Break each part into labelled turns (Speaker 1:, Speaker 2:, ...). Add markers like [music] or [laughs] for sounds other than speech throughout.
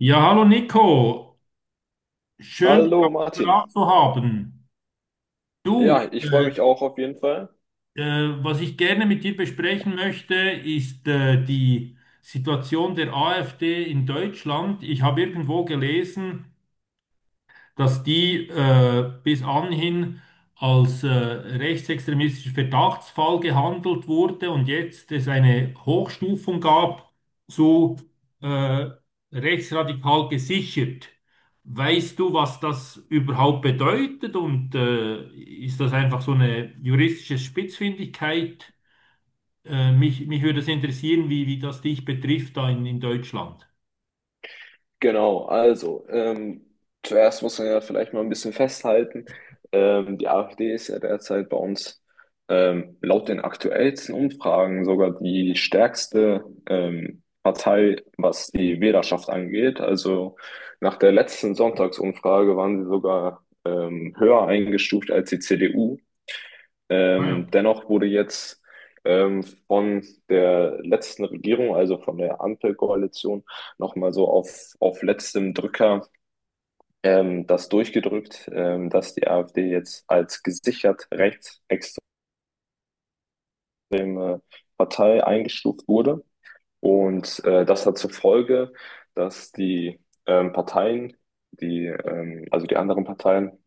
Speaker 1: Ja, hallo Nico, schön dich
Speaker 2: Hallo
Speaker 1: auf dem
Speaker 2: Martin.
Speaker 1: Apparat zu haben. Du,
Speaker 2: Ja, ich freue mich auch auf jeden Fall.
Speaker 1: was ich gerne mit dir besprechen möchte, ist die Situation der AfD in Deutschland. Ich habe irgendwo gelesen, dass die bis anhin als rechtsextremistischer Verdachtsfall gehandelt wurde und jetzt es eine Hochstufung gab zu äh, rechtsradikal gesichert. Weißt du, was das überhaupt bedeutet und ist das einfach so eine juristische Spitzfindigkeit? Mich würde es interessieren, wie das dich betrifft da in Deutschland.
Speaker 2: Genau, also zuerst muss man ja vielleicht mal ein bisschen festhalten. Die AfD ist ja derzeit bei uns laut den aktuellsten Umfragen sogar die stärkste Partei, was die Wählerschaft angeht. Also nach der letzten Sonntagsumfrage waren sie sogar höher eingestuft als die CDU.
Speaker 1: Ah ja.
Speaker 2: Dennoch wurde jetzt von der letzten Regierung, also von der Ampelkoalition, nochmal so auf letztem Drücker das durchgedrückt, dass die AfD jetzt als gesichert rechtsextreme Partei eingestuft wurde. Und das hat zur Folge, dass die Parteien, die, also die anderen Parteien,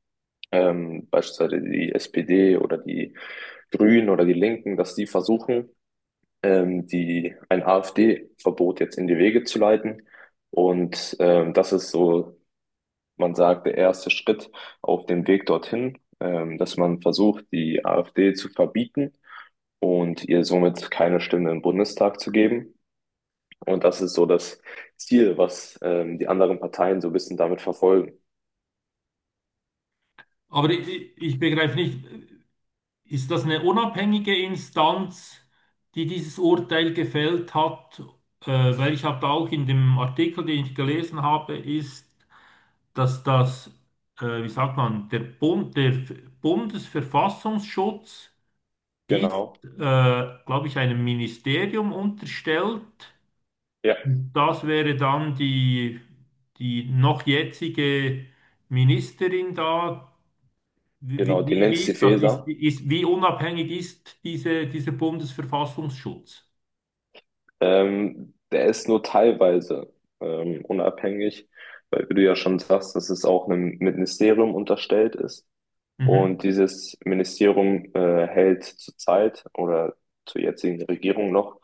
Speaker 2: beispielsweise die SPD oder die Grünen oder die Linken, dass die versuchen, ein AfD-Verbot jetzt in die Wege zu leiten. Und das ist so, man sagt, der erste Schritt auf dem Weg dorthin, dass man versucht, die AfD zu verbieten und ihr somit keine Stimme im Bundestag zu geben. Und das ist so das Ziel, was die anderen Parteien so ein bisschen damit verfolgen.
Speaker 1: Aber ich begreife nicht, ist das eine unabhängige Instanz, die dieses Urteil gefällt hat? Weil ich habe auch in dem Artikel, den ich gelesen habe, ist, dass das, wie sagt man, der Bund, der F- Bundesverfassungsschutz ist,
Speaker 2: Genau,
Speaker 1: glaube ich, einem Ministerium unterstellt.
Speaker 2: ja,
Speaker 1: Das wäre dann die noch jetzige Ministerin da,
Speaker 2: genau, die
Speaker 1: wie
Speaker 2: Nancy
Speaker 1: ist das?
Speaker 2: Faeser.
Speaker 1: Wie unabhängig ist dieser Bundesverfassungsschutz?
Speaker 2: Der ist nur teilweise unabhängig, weil, wie du ja schon sagst, dass es auch einem Ministerium unterstellt ist. Und
Speaker 1: Mhm.
Speaker 2: dieses Ministerium hält zurzeit oder zur jetzigen Regierung noch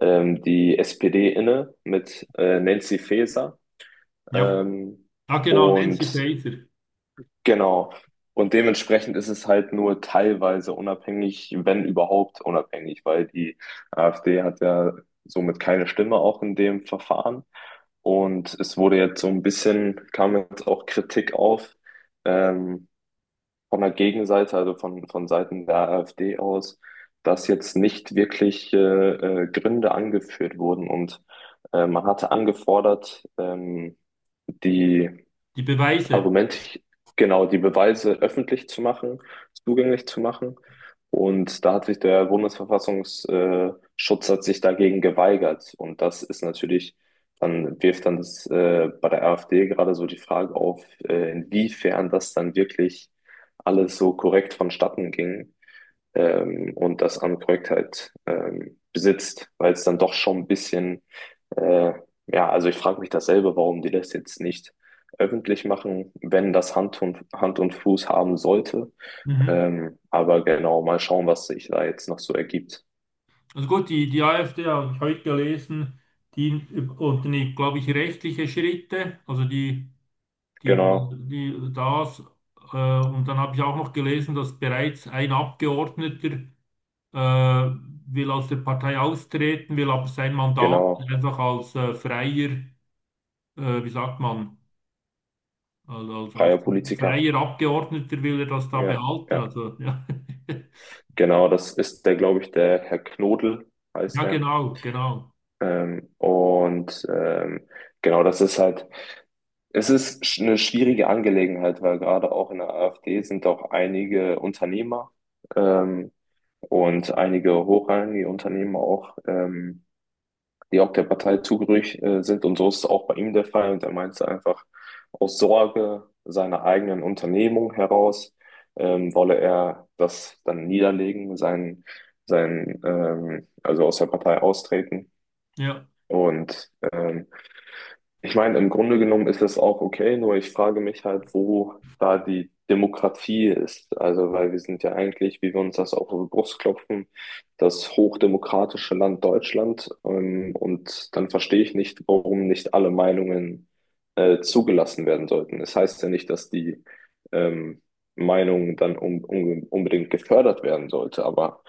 Speaker 2: die SPD inne mit Nancy Faeser.
Speaker 1: Ja.
Speaker 2: Ähm,
Speaker 1: Ah, genau, Nancy
Speaker 2: und
Speaker 1: Faeser.
Speaker 2: Genau. Und dementsprechend ist es halt nur teilweise unabhängig, wenn überhaupt unabhängig, weil die AfD hat ja somit keine Stimme auch in dem Verfahren. Und es wurde jetzt so ein bisschen, kam jetzt auch Kritik auf, ähm, von der Gegenseite, also von Seiten der AfD aus, dass jetzt nicht wirklich Gründe angeführt wurden. Und man hatte angefordert, die
Speaker 1: Die Beweise.
Speaker 2: Argument, genau, die Beweise öffentlich zu machen, zugänglich zu machen. Und da hat sich der Bundesverfassungsschutz hat sich dagegen geweigert. Und das ist natürlich, dann wirft dann das, bei der AfD gerade so die Frage auf, inwiefern das dann wirklich alles so korrekt vonstatten ging und das an Korrektheit besitzt, weil es dann doch schon ein bisschen, äh, ja, also ich frage mich dasselbe, warum die das jetzt nicht öffentlich machen, wenn das Hand und Fuß haben sollte.
Speaker 1: Mhm.
Speaker 2: Aber genau, mal schauen, was sich da jetzt noch so ergibt.
Speaker 1: Also gut, die AfD habe ich heute gelesen, die unternimmt, glaube ich, rechtliche Schritte. Also die,
Speaker 2: Genau,
Speaker 1: die das. Und dann habe ich auch noch gelesen, dass bereits ein Abgeordneter äh, will aus der Partei austreten, will aber sein Mandat
Speaker 2: genau,
Speaker 1: einfach als freier wie sagt man, Also als, als
Speaker 2: freier Politiker.
Speaker 1: freier Abgeordneter will er das da
Speaker 2: Ja,
Speaker 1: behalten.
Speaker 2: ja,
Speaker 1: Also ja,
Speaker 2: genau, das ist der, glaube ich, der Herr Knodel
Speaker 1: [laughs] ja
Speaker 2: heißt der.
Speaker 1: genau, genau.
Speaker 2: Ähm, und ähm, genau, das ist halt eine schwierige Angelegenheit, weil gerade auch in der AfD sind auch einige Unternehmer ähm, und einige hochrangige Unternehmer auch, die auch der Partei zugehörig sind. Und so ist es auch bei ihm der Fall. Und er meinte einfach, aus Sorge seiner eigenen Unternehmung heraus wolle er das dann niederlegen, also aus der Partei austreten.
Speaker 1: Ja,
Speaker 2: Und ich meine, im Grunde genommen ist es auch okay, nur ich frage mich halt, wo da die Demokratie ist. Also, weil wir sind ja eigentlich, wie wir uns das auch auf die Brust klopfen, das hochdemokratische Land Deutschland. Und dann verstehe ich nicht, warum nicht alle Meinungen zugelassen werden sollten. Es heißt ja nicht, dass die ähm, Meinung dann un un unbedingt gefördert werden sollte, aber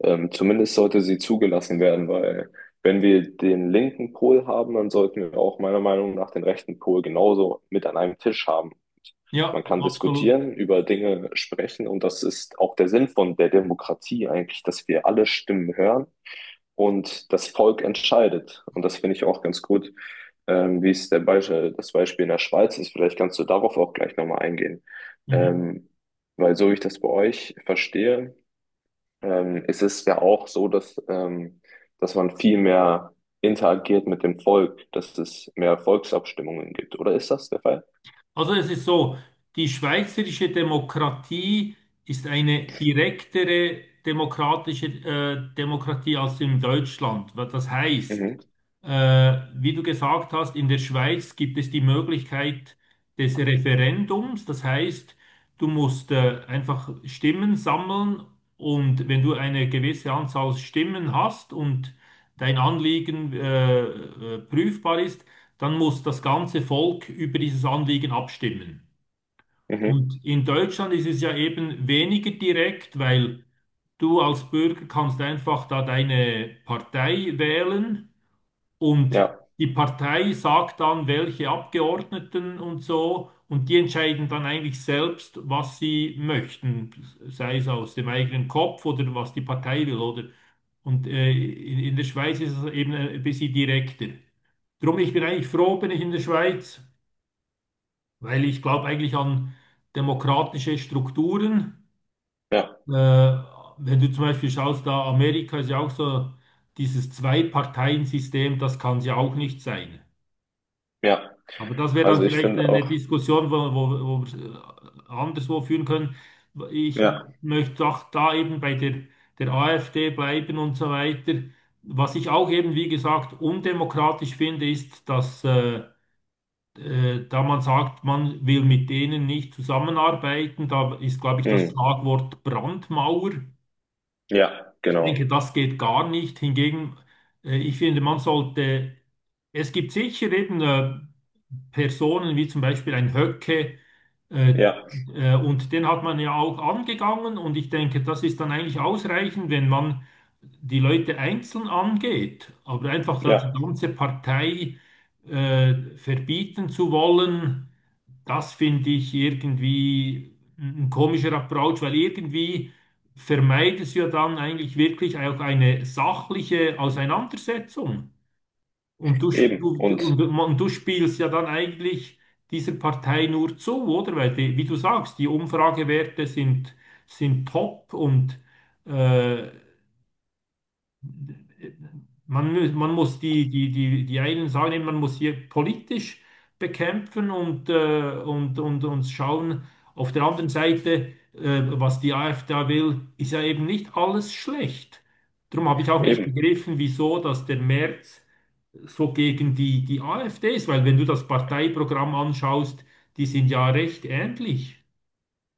Speaker 2: zumindest sollte sie zugelassen werden, weil wenn wir den linken Pol haben, dann sollten wir auch meiner Meinung nach den rechten Pol genauso mit an einem Tisch haben.
Speaker 1: ja,
Speaker 2: Man kann
Speaker 1: absolut.
Speaker 2: diskutieren, über Dinge sprechen, und das ist auch der Sinn von der Demokratie eigentlich, dass wir alle Stimmen hören und das Volk entscheidet. Und das finde ich auch ganz gut, wie es der Beispiel, das Beispiel in der Schweiz ist. Vielleicht kannst du darauf auch gleich nochmal eingehen.
Speaker 1: Mhm.
Speaker 2: Ähm, Weil so ich das bei euch verstehe, es ist ja auch so, dass man viel mehr interagiert mit dem Volk, dass es mehr Volksabstimmungen gibt. Oder ist das der Fall?
Speaker 1: Also es ist so, die schweizerische Demokratie ist eine direktere demokratische Demokratie als in Deutschland. Was das heißt,
Speaker 2: Mhm,
Speaker 1: wie du gesagt hast, in der Schweiz gibt es die Möglichkeit des Referendums. Das heißt, du musst einfach Stimmen sammeln und wenn du eine gewisse Anzahl Stimmen hast und dein Anliegen prüfbar ist, dann muss das ganze Volk über dieses Anliegen abstimmen.
Speaker 2: mhm,
Speaker 1: Und in Deutschland ist es ja eben weniger direkt, weil du als Bürger kannst einfach da deine Partei wählen und
Speaker 2: ja,
Speaker 1: die Partei sagt dann, welche Abgeordneten und so, und die entscheiden dann eigentlich selbst, was sie möchten, sei es aus dem eigenen Kopf oder was die Partei will, oder? Und in der Schweiz ist es eben ein bisschen direkter. Drum, ich bin eigentlich froh, bin ich in der Schweiz. Weil ich glaube eigentlich an demokratische Strukturen.
Speaker 2: ja,
Speaker 1: Äh, Wenn du zum Beispiel schaust, da Amerika ist ja auch so dieses Zwei-Parteien-System, das kann es ja auch nicht sein.
Speaker 2: ja.
Speaker 1: Aber das wäre dann
Speaker 2: Also ich
Speaker 1: vielleicht
Speaker 2: finde
Speaker 1: eine
Speaker 2: auch,
Speaker 1: Diskussion, wo wir anderswo führen können. Ich
Speaker 2: ja.
Speaker 1: möchte auch da eben bei der AfD bleiben und so weiter. Was ich auch eben, wie gesagt, undemokratisch finde, ist, dass da man sagt, man will mit denen nicht zusammenarbeiten, da ist, glaube ich, das
Speaker 2: Mhm.
Speaker 1: Schlagwort Brandmauer.
Speaker 2: Ja,
Speaker 1: Ich denke,
Speaker 2: genau.
Speaker 1: das geht gar nicht. Hingegen, ich finde, man sollte, es gibt sicher eben Personen wie zum Beispiel ein Höcke, äh,
Speaker 2: Ja,
Speaker 1: und den hat man ja auch angegangen und ich denke, das ist dann eigentlich ausreichend, wenn man die Leute einzeln angeht, aber einfach da
Speaker 2: ja,
Speaker 1: die ganze Partei verbieten zu wollen, das finde ich irgendwie ein komischer Approach, weil irgendwie vermeidet es ja dann eigentlich wirklich auch eine sachliche Auseinandersetzung. Und
Speaker 2: eben. Und
Speaker 1: und du spielst ja dann eigentlich dieser Partei nur zu, oder? Weil, wie du sagst, die Umfragewerte sind, sind top und äh, man muss die, einen sagen, man muss hier politisch bekämpfen und schauen. Auf der anderen Seite, was die AfD da will, ist ja eben nicht alles schlecht. Darum habe ich auch nicht
Speaker 2: eben.
Speaker 1: begriffen, wieso, dass der Merz so gegen die AfDs, weil wenn du das Parteiprogramm anschaust, die sind ja recht ähnlich.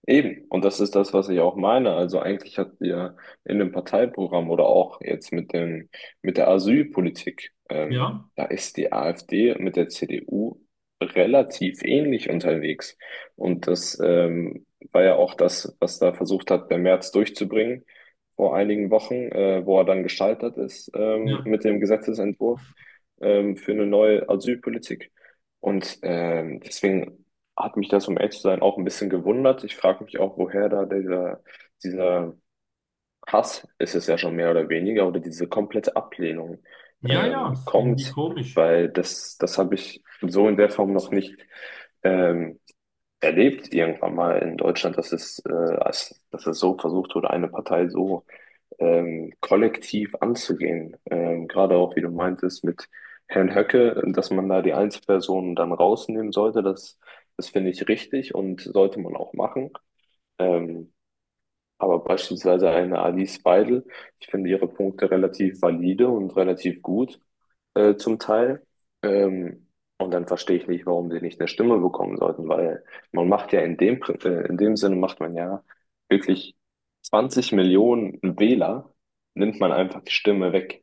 Speaker 2: Eben, und das ist das, was ich auch meine. Also eigentlich habt ihr in dem Parteiprogramm oder auch jetzt mit der Asylpolitik,
Speaker 1: Ja,
Speaker 2: da ist die AfD mit der CDU relativ ähnlich unterwegs. Und das, war ja auch das, was da versucht hat, der Merz durchzubringen vor einigen Wochen, wo er dann gescheitert ist,
Speaker 1: ja,
Speaker 2: mit dem Gesetzesentwurf, für eine neue Asylpolitik. Und deswegen hat mich das, um ehrlich zu sein, auch ein bisschen gewundert. Ich frage mich auch, woher da dieser Hass, ist es ja schon mehr oder weniger, oder diese komplette Ablehnung
Speaker 1: ja, ist irgendwie
Speaker 2: kommt,
Speaker 1: komisch.
Speaker 2: weil das, das habe ich so in der Form noch nicht ähm, erlebt, irgendwann mal in Deutschland, dass es so versucht wurde, eine Partei so kollektiv anzugehen. Gerade auch, wie du meintest, mit Herrn Höcke, dass man da die Einzelpersonen dann rausnehmen sollte, das, das finde ich richtig und sollte man auch machen. Ähm, aber beispielsweise eine Alice Weidel, ich finde ihre Punkte relativ valide und relativ gut zum Teil. Ähm, und dann verstehe ich nicht, warum sie nicht eine Stimme bekommen sollten, weil man macht ja in dem Sinne macht man ja wirklich 20 Millionen Wähler nimmt man einfach die Stimme weg,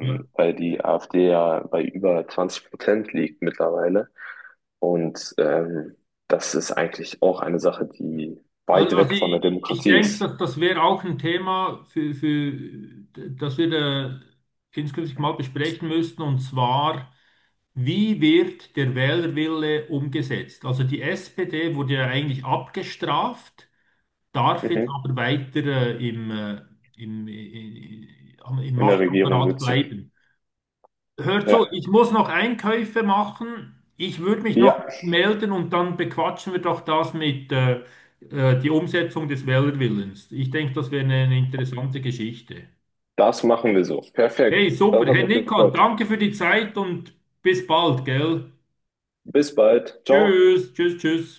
Speaker 1: Ja.
Speaker 2: weil die AfD ja bei über 20% liegt mittlerweile. Und das ist eigentlich auch eine Sache, die
Speaker 1: Also
Speaker 2: weit
Speaker 1: also
Speaker 2: weg von der
Speaker 1: ich, ich
Speaker 2: Demokratie
Speaker 1: denke,
Speaker 2: ist.
Speaker 1: dass das wäre auch ein Thema, das wir da künftig mal besprechen müssten, und zwar, wie wird der Wählerwille umgesetzt? Also die SPD wurde ja eigentlich abgestraft, darf jetzt
Speaker 2: Mhm.
Speaker 1: aber weiter im
Speaker 2: In der Regierung
Speaker 1: Machtapparat
Speaker 2: sitzen.
Speaker 1: bleiben. Hört so,
Speaker 2: Ja,
Speaker 1: ich muss noch Einkäufe machen. Ich würde mich noch
Speaker 2: ja,
Speaker 1: melden und dann bequatschen wir doch das mit die Umsetzung des Wählerwillens. Ich denke, das wäre eine interessante Geschichte.
Speaker 2: das machen wir so. Perfekt.
Speaker 1: Hey, super.
Speaker 2: Das hat
Speaker 1: Hey
Speaker 2: mich
Speaker 1: Nico,
Speaker 2: gefreut.
Speaker 1: danke für die Zeit und bis bald, gell?
Speaker 2: Bis bald. Ciao.
Speaker 1: Tschüss, tschüss, tschüss.